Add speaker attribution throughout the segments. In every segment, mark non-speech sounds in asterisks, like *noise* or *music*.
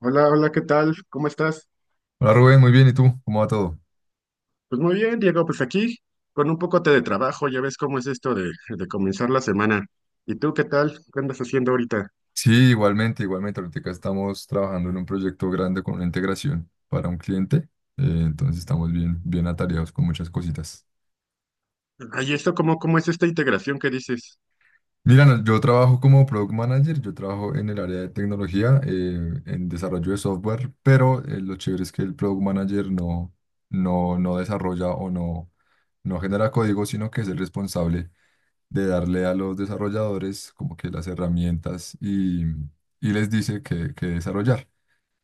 Speaker 1: Hola, hola, ¿qué tal? ¿Cómo estás?
Speaker 2: Hola Rubén, muy bien. ¿Y tú? ¿Cómo va todo?
Speaker 1: Pues muy bien, Diego, pues aquí con un poco de trabajo, ya ves cómo es esto de comenzar la semana. ¿Y tú qué tal? ¿Qué andas haciendo ahorita?
Speaker 2: Sí, igualmente, igualmente. Ahorita estamos trabajando en un proyecto grande con una integración para un cliente. Entonces estamos bien, bien atareados con muchas cositas.
Speaker 1: Ay, esto cómo es esta integración que dices?
Speaker 2: Mira, no, yo trabajo como Product Manager, yo trabajo en el área de tecnología, en desarrollo de software, pero lo chévere es que el Product Manager no desarrolla o no genera código, sino que es el responsable de darle a los desarrolladores como que las herramientas y les dice que desarrollar.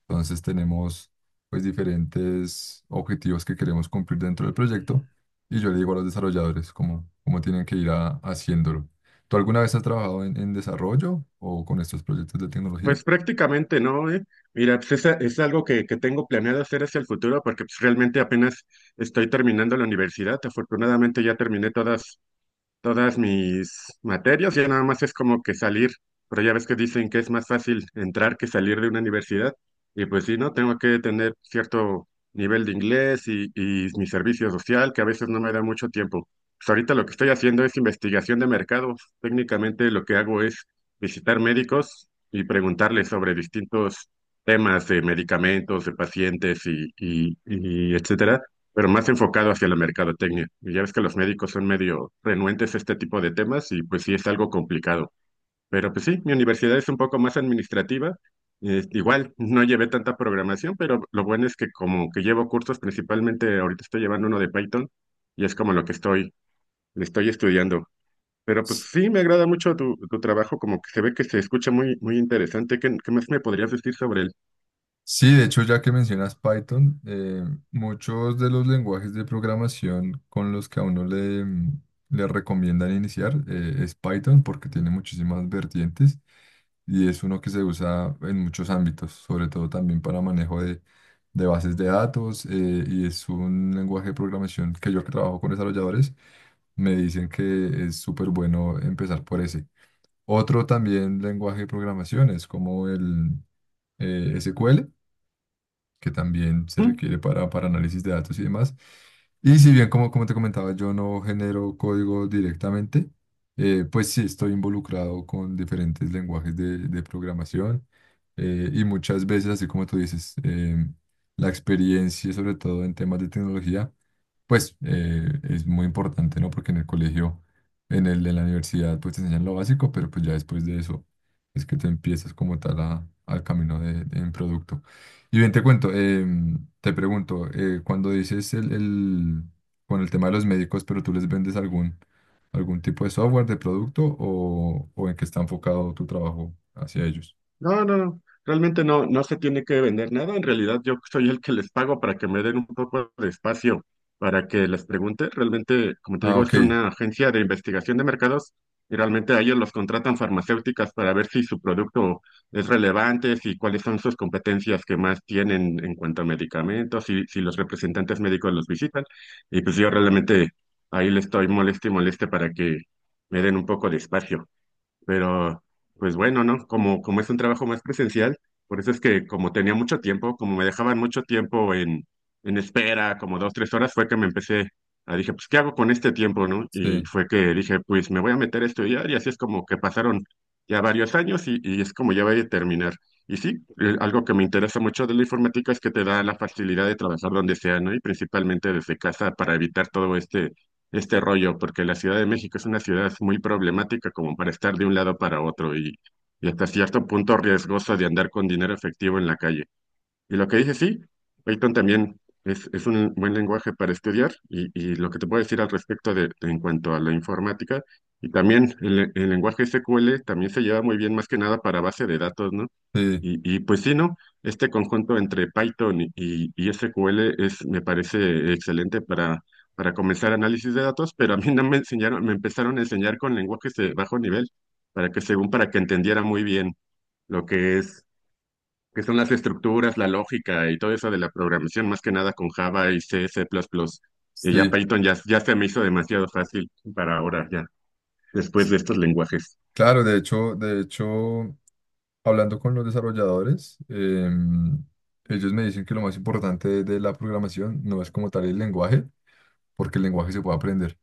Speaker 2: Entonces tenemos pues diferentes objetivos que queremos cumplir dentro del proyecto y yo le digo a los desarrolladores cómo tienen que haciéndolo. ¿Tú alguna vez has trabajado en desarrollo o con estos proyectos de tecnología?
Speaker 1: Pues prácticamente, ¿no? Mira, pues es, algo que tengo planeado hacer hacia el futuro porque pues, realmente apenas estoy terminando la universidad. Afortunadamente ya terminé todas mis materias, ya nada más es como que salir, pero ya ves que dicen que es más fácil entrar que salir de una universidad, y pues sí, ¿no? Tengo que tener cierto nivel de inglés y mi servicio social, que a veces no me da mucho tiempo. Pues ahorita lo que estoy haciendo es investigación de mercados. Técnicamente lo que hago es visitar médicos y preguntarles sobre distintos temas de medicamentos, de pacientes y etcétera, pero más enfocado hacia la mercadotecnia. Y ya ves que los médicos son medio renuentes a este tipo de temas y pues sí es algo complicado. Pero pues sí, mi universidad es un poco más administrativa. Igual no llevé tanta programación, pero lo bueno es que como que llevo cursos, principalmente ahorita estoy llevando uno de Python y es como lo que estoy, le estoy estudiando. Pero pues sí, me agrada mucho tu trabajo, como que se ve que se escucha muy, muy interesante. ¿Qué más me podrías decir sobre
Speaker 2: Sí, de hecho, ya que mencionas Python, muchos de los lenguajes de programación con los que a uno le recomiendan iniciar es Python porque tiene muchísimas vertientes y es uno que se usa en muchos ámbitos, sobre todo también para manejo de bases de datos y es un lenguaje de programación que yo que trabajo con desarrolladores me dicen que es súper bueno empezar por ese. Otro también lenguaje de programación es como el SQL que también se
Speaker 1: él?
Speaker 2: requiere para análisis de datos y demás. Y si bien, como, como te comentaba, yo no genero código directamente, pues sí estoy involucrado con diferentes lenguajes de programación y muchas veces, así como tú dices, la experiencia, sobre todo en temas de tecnología, pues es muy importante, ¿no? Porque en el colegio, en la universidad, pues te enseñan lo básico, pero pues ya después de eso es que te empiezas como tal al camino de, en producto. Y bien, te cuento, te pregunto, cuando dices con el tema de los médicos, pero tú les vendes algún tipo de software, de producto o en qué está enfocado tu trabajo hacia ellos.
Speaker 1: No, no, no, realmente no, no se tiene que vender nada. En realidad, yo soy el que les pago para que me den un poco de espacio para que les pregunte. Realmente, como te
Speaker 2: Ah,
Speaker 1: digo, es
Speaker 2: ok,
Speaker 1: una agencia de investigación de mercados, y realmente a ellos los contratan farmacéuticas para ver si su producto es relevante, si cuáles son sus competencias que más tienen en cuanto a medicamentos, si, si los representantes médicos los visitan. Y pues yo realmente ahí les estoy moleste y moleste para que me den un poco de espacio. Pero, pues bueno, ¿no? Como es un trabajo más presencial, por eso es que como tenía mucho tiempo, como me dejaban mucho tiempo en espera, como dos, tres horas, fue que me empecé a dije, pues, ¿qué hago con este tiempo, no? Y
Speaker 2: sí,
Speaker 1: fue que dije, pues me voy a meter a estudiar y así es como que pasaron ya varios años y es como ya voy a terminar. Y sí, algo que me interesa mucho de la informática es que te da la facilidad de trabajar donde sea, ¿no? Y principalmente desde casa para evitar todo este rollo, porque la Ciudad de México es una ciudad muy problemática como para estar de un lado para otro y hasta cierto punto riesgosa de andar con dinero efectivo en la calle. Y lo que dice, sí, Python también es un buen lenguaje para estudiar y lo que te puedo decir al respecto en cuanto a la informática, y también el lenguaje SQL también se lleva muy bien más que nada para base de datos, ¿no?
Speaker 2: sí,
Speaker 1: Pues sí, ¿no? Este conjunto entre Python y SQL es, me parece excelente para comenzar análisis de datos, pero a mí no me enseñaron, me empezaron a enseñar con lenguajes de bajo nivel, para que según para que entendiera muy bien lo que es, que son las estructuras, la lógica y todo eso de la programación, más que nada con Java y C, C++. Y ya
Speaker 2: sí.
Speaker 1: Python ya se me hizo demasiado fácil para ahora, ya, después
Speaker 2: S-
Speaker 1: de estos lenguajes.
Speaker 2: Claro, de hecho, hablando con los desarrolladores, ellos me dicen que lo más importante de la programación no es como tal el lenguaje, porque el lenguaje se puede aprender.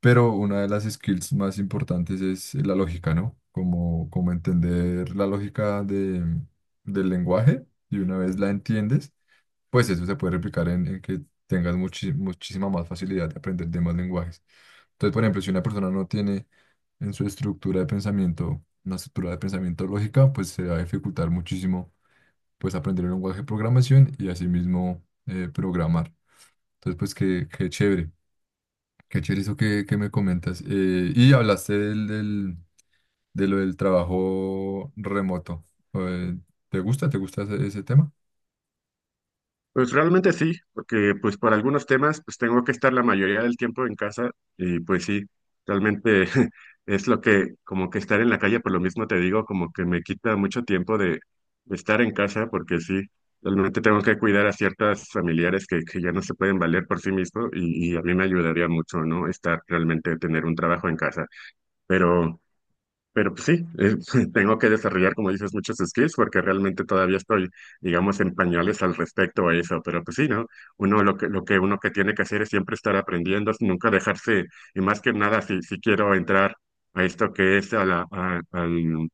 Speaker 2: Pero una de las skills más importantes es la lógica, ¿no? Como, como entender la lógica del lenguaje y una vez la entiendes, pues eso se puede replicar en que tengas muchísima más facilidad de aprender demás lenguajes. Entonces, por ejemplo, si una persona no tiene en su estructura de pensamiento una estructura de pensamiento lógica, pues se va a dificultar muchísimo pues aprender el lenguaje de programación y asimismo programar. Entonces, pues qué, qué chévere. Qué chévere eso que me comentas. Y hablaste de lo del trabajo remoto. Eh, ¿Te gusta? ¿Te gusta ese, ese tema?
Speaker 1: Pues realmente sí, porque pues por algunos temas pues tengo que estar la mayoría del tiempo en casa y pues sí, realmente *laughs* es lo que como que estar en la calle, por lo mismo te digo, como que me quita mucho tiempo de estar en casa porque sí, realmente tengo que cuidar a ciertas familiares que ya no se pueden valer por sí mismos y a mí me ayudaría mucho, ¿no? Estar realmente, tener un trabajo en casa, pero... Pero pues, sí, *laughs* tengo que desarrollar, como dices, muchos skills porque realmente todavía estoy, digamos, en pañales al respecto a eso. Pero pues sí, ¿no? Uno lo que uno que tiene que hacer es siempre estar aprendiendo, nunca dejarse, y más que nada, si, si quiero entrar a esto que es al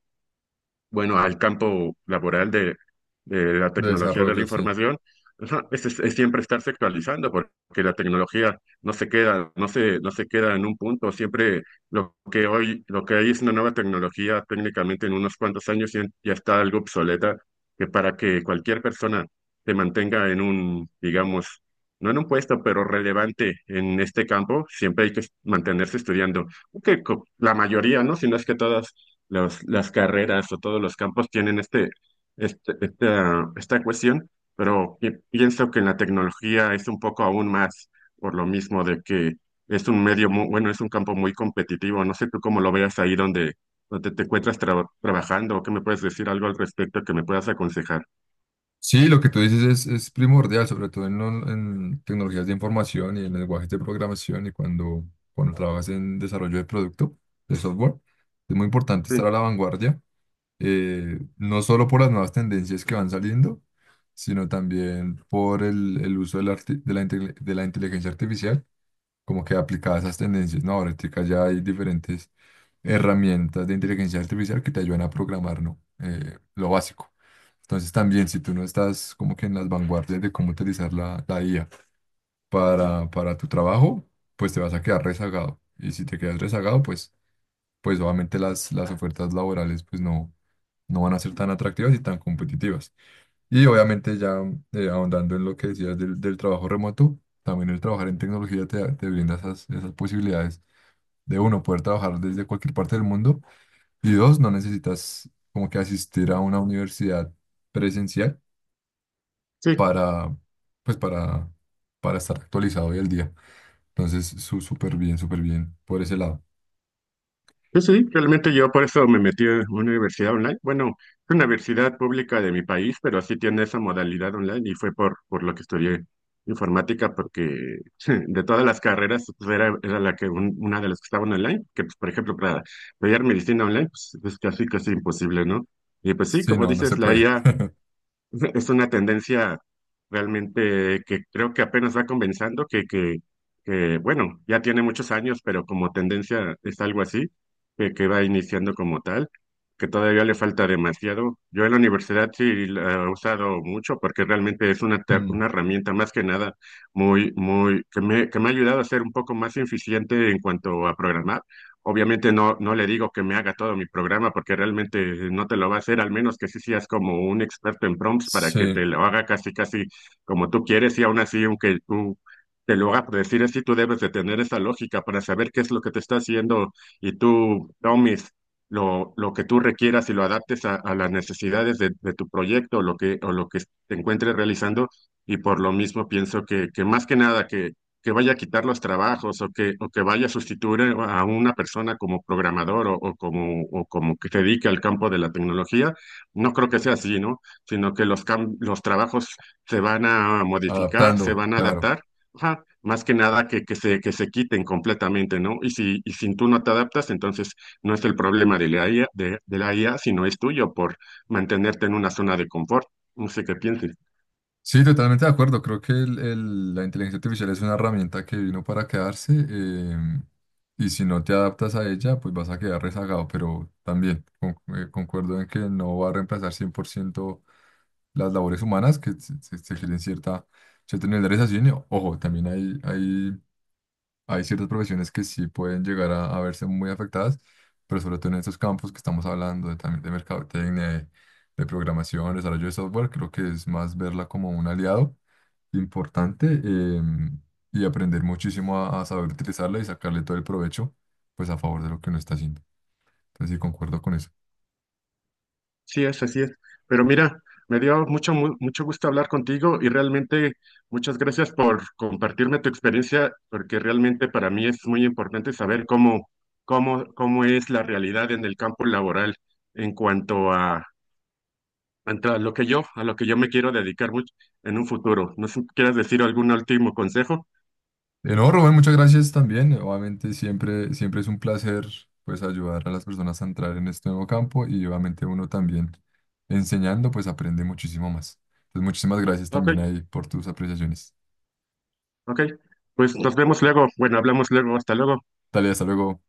Speaker 1: bueno, al campo laboral de la
Speaker 2: De
Speaker 1: tecnología de la
Speaker 2: desarrollo, sí.
Speaker 1: información, ajá, es siempre estarse actualizando, porque la tecnología no se queda, no se queda en un punto, siempre lo que hoy, lo que hay es una nueva tecnología, técnicamente en unos cuantos años ya está algo obsoleta, que para que cualquier persona se mantenga en un, digamos, no en un puesto, pero relevante en este campo, siempre hay que mantenerse estudiando. Que la mayoría, ¿no? Si no es que todas las carreras o todos los campos tienen esta cuestión, pero pienso que en la tecnología es un poco aún más, por lo mismo de que es un medio muy, bueno, es un campo muy competitivo. No sé tú cómo lo veas ahí donde te encuentras trabajando o qué me puedes decir algo al respecto que me puedas aconsejar.
Speaker 2: Sí, lo que tú dices es primordial, sobre todo en tecnologías de información y en lenguajes de programación y cuando trabajas en desarrollo de producto, de software. Es muy importante estar
Speaker 1: Sí,
Speaker 2: a la vanguardia, no solo por las nuevas tendencias que van saliendo, sino también por el uso de de de la inteligencia artificial como que aplicadas esas tendencias. No, ahorita ya hay diferentes herramientas de inteligencia artificial que te ayudan a programar, ¿no? Lo básico. Entonces también si tú no estás como que en las vanguardias de cómo utilizar la IA para tu trabajo, pues te vas a quedar rezagado. Y si te quedas rezagado, pues, pues obviamente las ofertas laborales pues no van a ser tan atractivas y tan competitivas. Y obviamente ya ahondando en lo que decías del, del trabajo remoto, también el trabajar en tecnología te brinda esas, esas posibilidades de uno, poder trabajar desde cualquier parte del mundo. Y dos, no necesitas como que asistir a una universidad presencial
Speaker 1: sí.
Speaker 2: para, pues para estar actualizado hoy al día. Entonces, súper bien por ese lado.
Speaker 1: Sí, realmente yo por eso me metí en una universidad online. Bueno, es una universidad pública de mi país, pero sí tiene esa modalidad online y fue por lo que estudié informática, porque *laughs* de todas las carreras pues, era, era la que una de las que estaban online, que pues, por ejemplo para estudiar medicina online pues, es casi casi imposible, ¿no? Y pues sí,
Speaker 2: Sí,
Speaker 1: como
Speaker 2: no, no se
Speaker 1: dices, la I
Speaker 2: puede.
Speaker 1: A. *laughs* Es una tendencia realmente que creo que apenas va comenzando, bueno, ya tiene muchos años, pero como tendencia es algo así, que va iniciando como tal, que todavía le falta demasiado. Yo en la universidad sí la he usado mucho porque realmente es una,
Speaker 2: Mm.
Speaker 1: una herramienta más que nada muy, muy, que me ha ayudado a ser un poco más eficiente en cuanto a programar. Obviamente no le digo que me haga todo mi programa porque realmente no te lo va a hacer, al menos que sí seas como un experto en prompts para que
Speaker 2: Sí,
Speaker 1: te lo haga casi casi como tú quieres y aún así, aunque tú te lo haga por decir así, tú debes de tener esa lógica para saber qué es lo que te está haciendo y tú tomes lo que tú requieras y lo adaptes a las necesidades de tu proyecto o lo que te encuentres realizando y por lo mismo pienso que más que nada que vaya a quitar los trabajos o que vaya a sustituir a una persona como programador o como que se dedique al campo de la tecnología, no creo que sea así, ¿no? Sino que los, los trabajos se van a modificar, se
Speaker 2: adaptando,
Speaker 1: van a
Speaker 2: claro.
Speaker 1: adaptar, ajá, más que nada que se quiten completamente, ¿no? Y si tú no te adaptas, entonces no es el problema de la IA, de la IA, sino es tuyo por mantenerte en una zona de confort. No sé qué pienses.
Speaker 2: Sí, totalmente de acuerdo. Creo que la inteligencia artificial es una herramienta que vino para quedarse y si no te adaptas a ella, pues vas a quedar rezagado. Pero también concuerdo en que no va a reemplazar 100% las labores humanas que se requieren cierta, cierto nivel de realización. Y, ojo, también hay, hay ciertas profesiones que sí pueden llegar a verse muy afectadas, pero sobre todo en estos campos que estamos hablando, de, también de mercadotecnia, de programación, desarrollo de software, creo que es más verla como un aliado importante y aprender muchísimo a saber utilizarla y sacarle todo el provecho, pues a favor de lo que uno está haciendo. Entonces sí, concuerdo con eso.
Speaker 1: Sí es, así es. Pero mira, me dio mucho, mucho gusto hablar contigo y realmente muchas gracias por compartirme tu experiencia, porque realmente para mí es muy importante saber cómo es la realidad en el campo laboral en cuanto a lo que yo, a lo que yo me quiero dedicar mucho en un futuro. No sé si quieres decir algún último consejo.
Speaker 2: No, Rubén, muchas gracias también. Obviamente siempre, siempre es un placer pues ayudar a las personas a entrar en este nuevo campo y obviamente uno también enseñando pues aprende muchísimo más. Entonces muchísimas gracias
Speaker 1: Ok,
Speaker 2: también ahí por tus apreciaciones.
Speaker 1: ok. Pues nos vemos luego. Bueno, hablamos luego. Hasta luego.
Speaker 2: Dale, hasta luego.